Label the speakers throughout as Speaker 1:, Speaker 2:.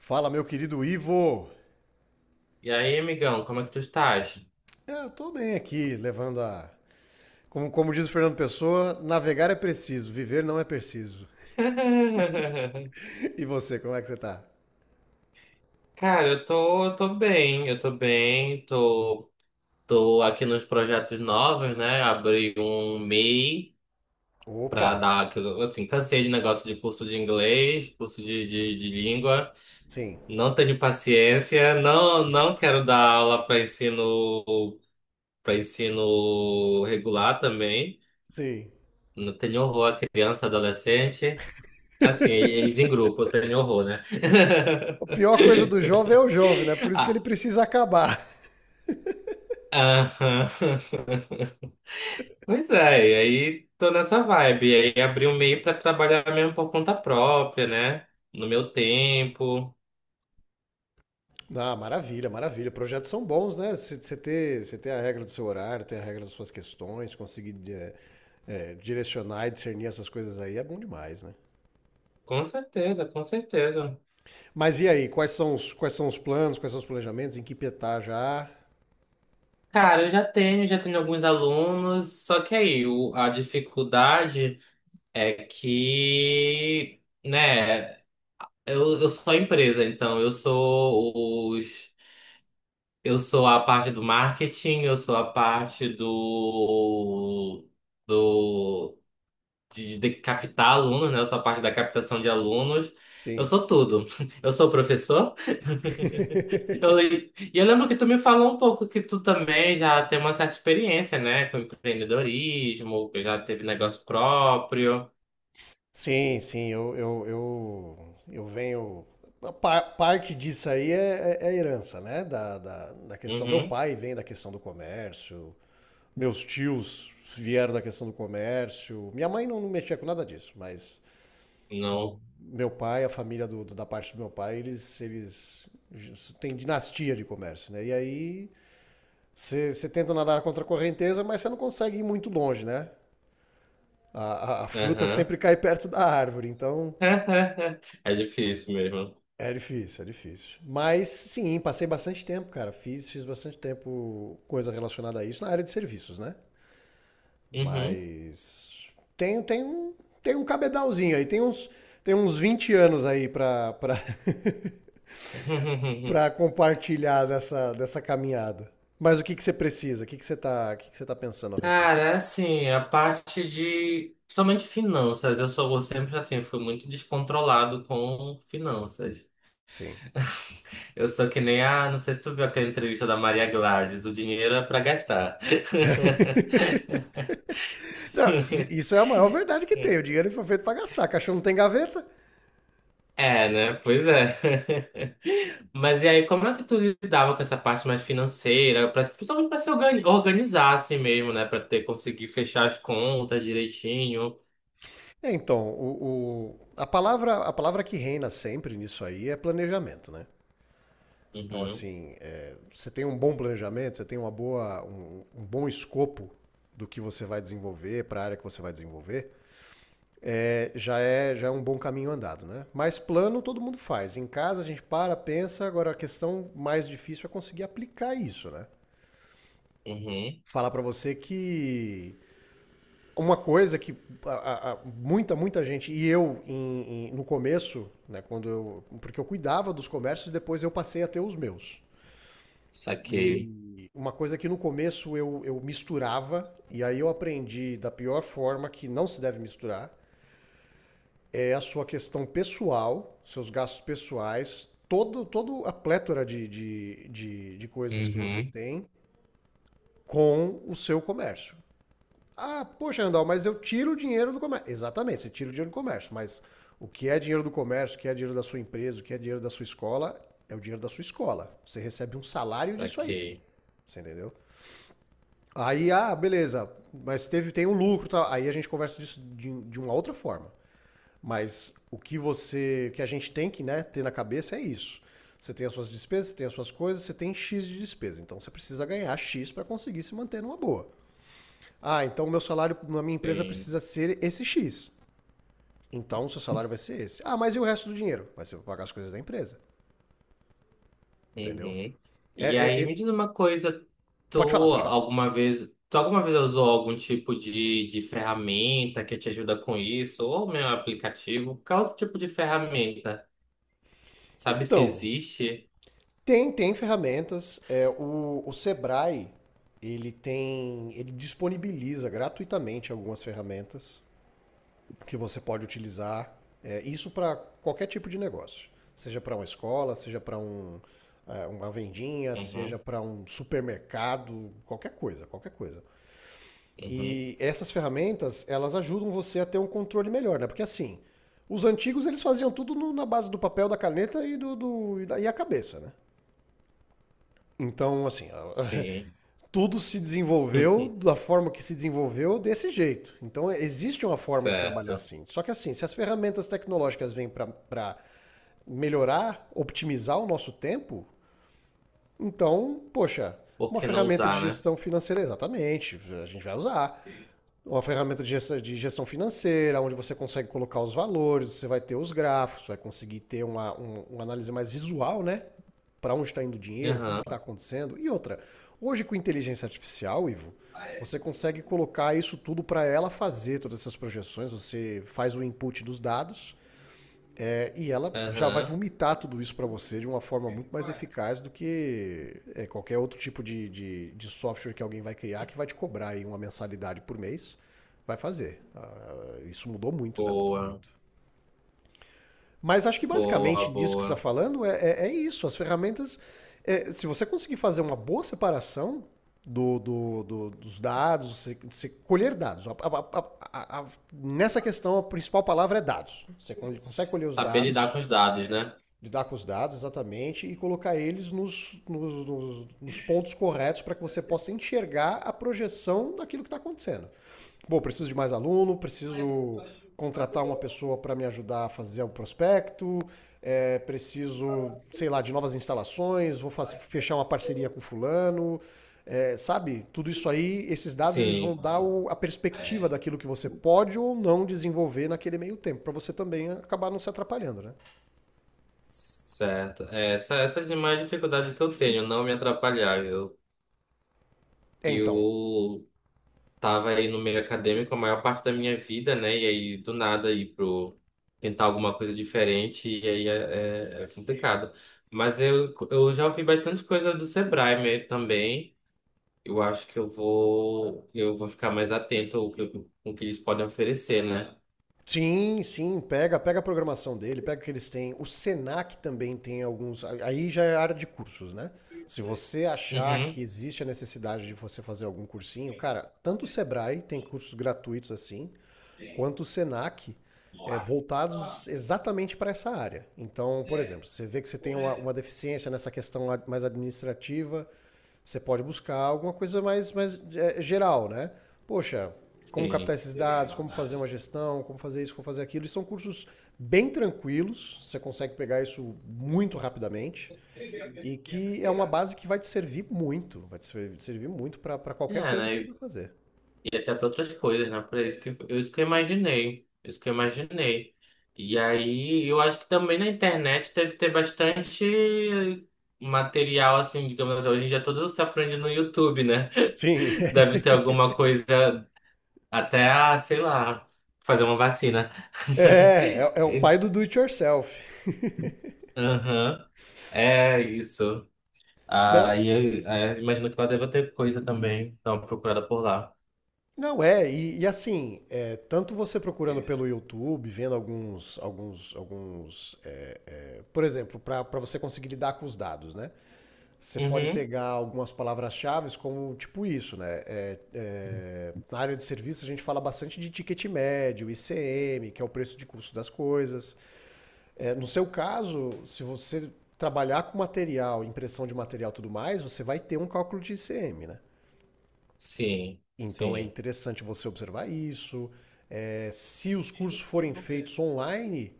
Speaker 1: Fala, meu querido Ivo!
Speaker 2: E aí, amigão, como é que tu estás?
Speaker 1: É, eu tô bem aqui, levando a. Como diz o Fernando Pessoa, navegar é preciso, viver não é preciso. E você, como é que você tá?
Speaker 2: Cara, eu tô bem, tô, tô aqui nos projetos novos, né? Abri um MEI pra
Speaker 1: Opa!
Speaker 2: dar, que eu, assim, cansei de negócio de curso de inglês, curso de língua,
Speaker 1: Sim,
Speaker 2: não tenho paciência, não, não quero dar aula para ensino regular também,
Speaker 1: sim.
Speaker 2: não tenho horror a criança, adolescente. Assim, eles em grupo, eu tenho horror, né?
Speaker 1: A pior coisa do jovem é o jovem, né? Por isso que ele
Speaker 2: Ah,
Speaker 1: precisa acabar.
Speaker 2: aham. Pois é, e aí tô nessa vibe. E aí abri um meio pra trabalhar mesmo por conta própria, né? No meu tempo.
Speaker 1: Ah, maravilha, maravilha. Projetos são bons, né? Você ter, você ter a regra do seu horário, ter a regra das suas questões, conseguir direcionar e discernir essas coisas aí é bom demais, né?
Speaker 2: Com certeza, com certeza.
Speaker 1: Mas e aí, quais são os planos, quais são os planejamentos, em que pé tá já?
Speaker 2: Cara, já tenho alguns alunos, só que aí a dificuldade é que, né, eu sou a empresa, então eu sou os. Eu sou a parte do marketing, eu sou a parte do de captar alunos, né? Eu sou a parte da captação de alunos. Eu
Speaker 1: Sim.
Speaker 2: sou tudo. Eu sou professor. E eu lembro que tu me falou um pouco que tu também já tem uma certa experiência, né? Com empreendedorismo, que já teve negócio próprio.
Speaker 1: Sim, sim, eu venho. Parte disso aí é herança, né? Da questão. Meu
Speaker 2: Uhum.
Speaker 1: pai vem da questão do comércio, meus tios vieram da questão do comércio. Minha mãe não mexia com nada disso, mas o
Speaker 2: Não.
Speaker 1: meu pai, a família da parte do meu pai, eles têm dinastia de comércio, né? E aí você tenta nadar contra a correnteza, mas você não consegue ir muito longe, né? A fruta
Speaker 2: Aham.
Speaker 1: sempre cai perto da árvore, então
Speaker 2: É difícil mesmo.
Speaker 1: é difícil, é difícil. Mas sim, passei bastante tempo, cara. Fiz bastante tempo coisa relacionada a isso na área de serviços, né?
Speaker 2: Uhum.
Speaker 1: Mas tem, tem, um- tem um cabedalzinho aí, tem uns 20 anos aí pra compartilhar dessa, dessa caminhada. Mas o que que você precisa? O que que você tá pensando a respeito?
Speaker 2: Cara, assim, a parte de. Principalmente finanças, eu sou sempre assim, fui muito descontrolado com finanças.
Speaker 1: Sim.
Speaker 2: Eu sou que nem a. Não sei se tu viu aquela entrevista da Maria Gladys, o dinheiro é pra gastar.
Speaker 1: Não, isso é a maior verdade que tem. O dinheiro foi feito para gastar. Cachorro não tem gaveta.
Speaker 2: É, né? Pois é. Mas e aí, como é que tu lidava com essa parte mais financeira, principalmente para se organizar assim mesmo, né? Para ter conseguir fechar as contas direitinho.
Speaker 1: É, então, a palavra que reina sempre nisso aí é planejamento, né? Então,
Speaker 2: Uhum,
Speaker 1: assim, é, você tem um bom planejamento, você tem uma boa, um bom escopo do que você vai desenvolver, para a área que você vai desenvolver, já é um bom caminho andado, né? Mas plano todo mundo faz. Em casa a gente para, pensa. Agora a questão mais difícil é conseguir aplicar isso, né?
Speaker 2: uhum.
Speaker 1: Falar para você que uma coisa que muita, muita gente, e eu no começo, né, quando eu, porque eu cuidava dos comércios, depois eu passei a ter os meus.
Speaker 2: Saquei.
Speaker 1: E uma coisa que no começo eu misturava, e aí eu aprendi da pior forma que não se deve misturar, é a sua questão pessoal, seus gastos pessoais, todo a plétora de coisas que você
Speaker 2: Uhum,
Speaker 1: tem com o seu comércio. Ah, poxa, Andal, mas eu tiro o dinheiro do comércio. Exatamente, você tira o dinheiro do comércio, mas o que é dinheiro do comércio, o que é dinheiro da sua empresa, o que é dinheiro da sua escola, é o dinheiro da sua escola. Você recebe um salário disso aí.
Speaker 2: saquei.
Speaker 1: Você entendeu? Aí, ah, beleza, mas teve, tem um lucro, tá? Aí a gente conversa disso de uma outra forma. Mas o que você, que a gente tem que, né, ter na cabeça é isso. Você tem as suas despesas, você tem as suas coisas, você tem X de despesa. Então você precisa ganhar X para conseguir se manter numa boa. Ah, então o meu salário na minha empresa
Speaker 2: Sim.
Speaker 1: precisa ser esse X. Então o seu salário vai ser esse. Ah, mas e o resto do dinheiro? Vai ser pra pagar as coisas da empresa, entendeu?
Speaker 2: Uhum. E
Speaker 1: É- é-
Speaker 2: aí,
Speaker 1: é-
Speaker 2: me diz uma coisa,
Speaker 1: Pode falar, pode falar.
Speaker 2: tu alguma vez usou algum tipo de ferramenta que te ajuda com isso? Ou meu aplicativo? Qual outro tipo de ferramenta? Sabe se
Speaker 1: Então,
Speaker 2: existe?
Speaker 1: tem, tem ferramentas. É, o Sebrae, ele tem, ele disponibiliza gratuitamente algumas ferramentas que você pode utilizar. É, isso para qualquer tipo de negócio, seja para uma escola, seja para um, é, uma vendinha, seja
Speaker 2: Uhum,
Speaker 1: para um supermercado, qualquer coisa, qualquer coisa.
Speaker 2: uhum,
Speaker 1: E essas ferramentas, elas ajudam você a ter um controle melhor, né? Porque assim, os antigos eles faziam tudo na base do papel, da caneta e a cabeça, né? Então, assim, a-
Speaker 2: sim.
Speaker 1: tudo se desenvolveu da forma que se desenvolveu desse jeito. Então, existe uma forma de trabalhar
Speaker 2: Certo.
Speaker 1: assim. Só que assim, se as ferramentas tecnológicas vêm para melhorar, optimizar o nosso tempo, então, poxa,
Speaker 2: Por
Speaker 1: uma
Speaker 2: que não
Speaker 1: ferramenta de
Speaker 2: usar, né?
Speaker 1: gestão financeira, exatamente, a gente vai usar. Uma ferramenta de gestão financeira, onde você consegue colocar os valores, você vai ter os gráficos, vai conseguir ter uma análise mais visual, né? Para onde está indo o dinheiro, como
Speaker 2: Aham,
Speaker 1: que está acontecendo. E outra, hoje com inteligência artificial, Ivo, você consegue colocar isso tudo para ela fazer todas essas projeções, você faz o input dos dados, e ela já vai
Speaker 2: aham.
Speaker 1: vomitar tudo isso para você de uma forma muito mais eficaz do que é, qualquer outro tipo de software que alguém vai criar que vai te cobrar aí uma mensalidade por mês. Vai fazer. Ah, isso mudou muito, né? Mudou
Speaker 2: Boa,
Speaker 1: muito. Mas acho que
Speaker 2: boa,
Speaker 1: basicamente disso que você está
Speaker 2: boa.
Speaker 1: falando é isso. As ferramentas, é, se você conseguir fazer uma boa separação dos dados, você, você colher dados. A- a- nessa questão, a principal palavra é dados. Você consegue colher os
Speaker 2: Saber lidar com
Speaker 1: dados,
Speaker 2: os dados, né?
Speaker 1: lidar com os dados, exatamente, e colocar eles nos pontos corretos para que você possa enxergar a projeção daquilo que está acontecendo. Bom, preciso de mais aluno, preciso contratar uma pessoa para me ajudar a fazer o prospecto, é, preciso, sei lá, de novas instalações, vou fazer, fechar uma parceria com fulano, é, sabe? Tudo isso aí, esses dados eles vão
Speaker 2: Sim.
Speaker 1: dar o, a perspectiva daquilo que você pode ou não desenvolver naquele meio tempo, para você também acabar não se atrapalhando, né?
Speaker 2: Certo. É, essa é de mais dificuldade que eu tenho, não me atrapalhar.
Speaker 1: É, então,
Speaker 2: Eu tava aí no meio acadêmico a maior parte da minha vida, né? E aí, do nada, ir pro tentar alguma coisa diferente, e aí é, é complicado. Mas eu já ouvi bastante coisa do Sebrae mesmo também. Eu acho que eu vou ficar mais atento ao que, com o que eles podem oferecer, né?
Speaker 1: sim, sim, pega, pega a programação dele, pega o que eles têm. O Senac também tem alguns. Aí já é área de cursos, né? Se você achar que
Speaker 2: Uhum.
Speaker 1: existe a necessidade de você fazer algum cursinho, cara, tanto o Sebrae tem cursos gratuitos assim, quanto o Senac, é, voltados exatamente para essa área. Então, por exemplo, você vê que você tem uma deficiência nessa questão mais administrativa, você pode buscar alguma coisa mais, mais é, geral, né? Poxa, como
Speaker 2: Sim.
Speaker 1: captar esses dados, como fazer uma gestão, como fazer isso, como fazer aquilo. E são cursos bem tranquilos, você consegue pegar isso muito rapidamente. E que é uma base que vai te servir muito, vai te servir muito para
Speaker 2: É,
Speaker 1: qualquer coisa que você
Speaker 2: né?
Speaker 1: vai fazer.
Speaker 2: E até para outras coisas, né? Para isso que eu imaginei. Isso que eu imaginei. E aí, eu acho que também na internet deve ter bastante material, assim, digamos assim, hoje em dia tudo se aprende no YouTube, né?
Speaker 1: Sim,
Speaker 2: Deve ter alguma coisa, até, ah, sei lá, fazer uma vacina.
Speaker 1: é o pai do do it yourself.
Speaker 2: Aham, é isso.
Speaker 1: Não,
Speaker 2: Aí, aí imagino que lá deve ter coisa também. Então, procurada por lá.
Speaker 1: não é, e assim, é, tanto você procurando pelo YouTube, vendo alguns. Por exemplo, para você conseguir lidar com os dados, né? Você pode
Speaker 2: Uhum.
Speaker 1: pegar algumas palavras-chave como tipo isso, né? Na área de serviço a gente fala bastante de ticket médio, ICM, que é o preço de custo das coisas. É, no seu caso, se você trabalhar com material, impressão de material e tudo mais, você vai ter um cálculo de ICM, né?
Speaker 2: Sim,
Speaker 1: Então é
Speaker 2: sim,
Speaker 1: interessante você observar isso. É, se os cursos forem feitos online,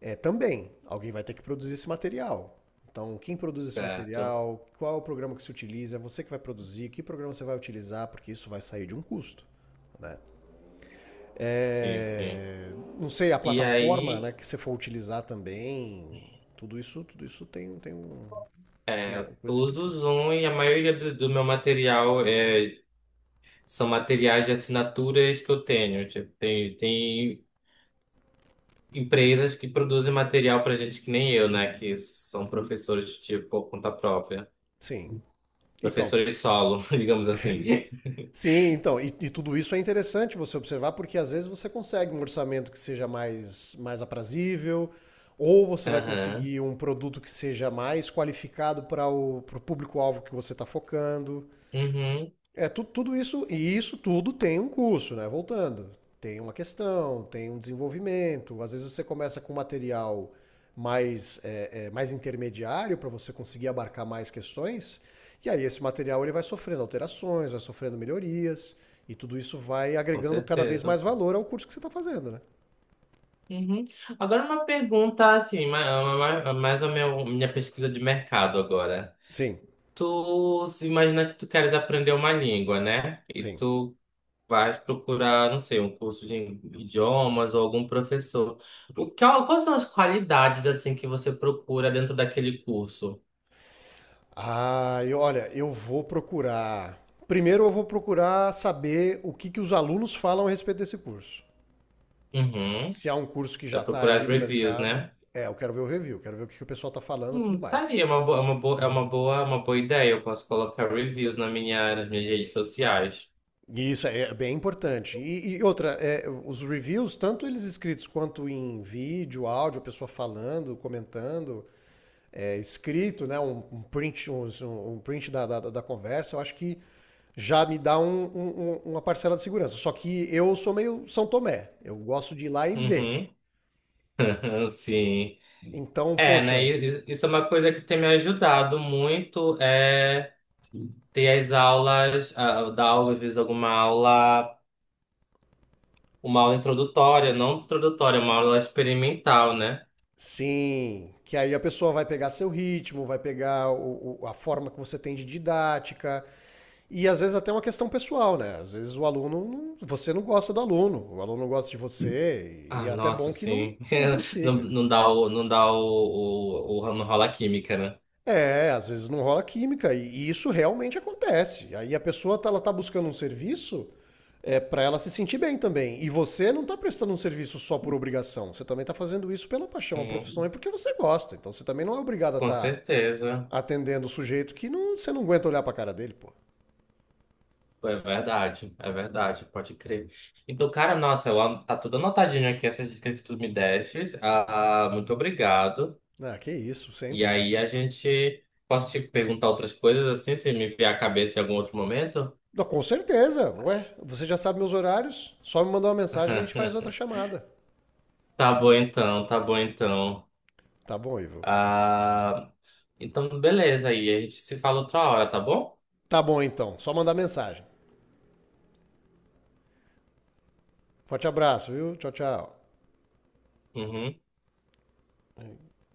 Speaker 1: é, também, alguém vai ter que produzir esse material. Então, quem produz esse
Speaker 2: certo.
Speaker 1: material, qual é o programa que se utiliza, é você que vai produzir, que programa você vai utilizar, porque isso vai sair de um custo, né?
Speaker 2: Sim, sim.
Speaker 1: É, não sei, a
Speaker 2: E
Speaker 1: plataforma,
Speaker 2: aí,
Speaker 1: né, que você for utilizar também, tudo isso tem, tem um, tem a- coisa
Speaker 2: uso o
Speaker 1: implicância.
Speaker 2: Zoom e a maioria do, do meu material é, são materiais de assinaturas que eu tenho. Tipo, tem empresas que produzem material pra gente que nem eu, né? Que são professores, tipo, por conta própria.
Speaker 1: Sim. Então,
Speaker 2: Professores solo, digamos assim.
Speaker 1: sim, então, e tudo isso é interessante você observar, porque às vezes você consegue um orçamento que seja mais, mais aprazível, ou você vai
Speaker 2: Aham.
Speaker 1: conseguir um produto que seja mais qualificado para o pro público-alvo que você está focando.
Speaker 2: Uhum.
Speaker 1: É, tudo isso, e isso tudo tem um curso, né? Voltando. Tem uma questão, tem um desenvolvimento. Às vezes você começa com material mais, é, é, mais intermediário para você conseguir abarcar mais questões, e aí esse material ele vai sofrendo alterações, vai sofrendo melhorias, e tudo isso vai
Speaker 2: Com
Speaker 1: agregando cada vez
Speaker 2: certeza.
Speaker 1: mais valor ao curso que você está fazendo, né?
Speaker 2: Uhum. Agora uma pergunta, assim, mais a minha pesquisa de mercado agora.
Speaker 1: Sim,
Speaker 2: Tu se imagina que tu queres aprender uma língua, né? E
Speaker 1: sim.
Speaker 2: tu vais procurar, não sei, um curso de idiomas ou algum professor. O que, quais são as qualidades assim que você procura dentro daquele curso?
Speaker 1: Ah, e olha, eu vou procurar. Primeiro eu vou procurar saber o que que os alunos falam a respeito desse curso.
Speaker 2: Uhum.
Speaker 1: Se há um curso que
Speaker 2: É
Speaker 1: já está
Speaker 2: procurar as
Speaker 1: aí no
Speaker 2: reviews,
Speaker 1: mercado,
Speaker 2: né?
Speaker 1: é, eu quero ver o review, quero ver o que o pessoal está falando e tudo
Speaker 2: Tá
Speaker 1: mais.
Speaker 2: aí, é uma boa, é uma boa, é uma boa, é uma boa ideia. Eu posso colocar reviews na minha, nas minhas redes sociais.
Speaker 1: E isso é bem importante. E outra, é, os reviews, tanto eles escritos quanto em vídeo, áudio, a pessoa falando, comentando, é, escrito, né, um print, da conversa, eu acho que já me dá uma parcela de segurança. Só que eu sou meio São Tomé, eu gosto de ir lá e ver.
Speaker 2: Uhum. Sim.
Speaker 1: Então,
Speaker 2: É, né?
Speaker 1: poxa,
Speaker 2: Isso é uma coisa que tem me ajudado muito, é ter as aulas, ah, dar aula, às vezes alguma aula, uma aula introdutória, não introdutória, uma aula experimental, né?
Speaker 1: sim, que aí a pessoa vai pegar seu ritmo, vai pegar a forma que você tem de didática, e às vezes até uma questão pessoal, né? Às vezes o aluno, não- você não gosta do aluno, o aluno não gosta de você, e
Speaker 2: Ah,
Speaker 1: é até
Speaker 2: nossa,
Speaker 1: bom que não,
Speaker 2: sim.
Speaker 1: não
Speaker 2: Não,
Speaker 1: prossiga.
Speaker 2: não dá o, não dá o- não rola a química, né?
Speaker 1: É, às vezes não rola química, e isso realmente acontece. Aí a pessoa, tá, ela tá buscando um serviço é, para ela se sentir bem também, e você não tá prestando um serviço só por obrigação, você também tá fazendo isso pela paixão, a profissão, e
Speaker 2: Uhum.
Speaker 1: porque você gosta, então você também não é obrigado a
Speaker 2: Com
Speaker 1: estar
Speaker 2: certeza.
Speaker 1: atendendo o sujeito que não, você não aguenta olhar pra cara dele, pô.
Speaker 2: É verdade, pode crer. Então, cara, nossa, eu, tá tudo anotadinho aqui, essas dicas que tu me destes. Ah, muito obrigado.
Speaker 1: Ah, que isso,
Speaker 2: E
Speaker 1: sempre.
Speaker 2: aí a gente. Posso te perguntar outras coisas assim, se me vier a cabeça em algum outro momento?
Speaker 1: Não, com certeza, ué. Você já sabe meus horários, só me mandar uma mensagem e a gente faz outra chamada.
Speaker 2: Tá bom então, tá bom então.
Speaker 1: Tá bom, Ivo?
Speaker 2: Ah, então, beleza aí, a gente se fala outra hora, tá bom?
Speaker 1: Tá bom então, só mandar mensagem. Forte abraço, viu? Tchau, tchau.
Speaker 2: Uhum.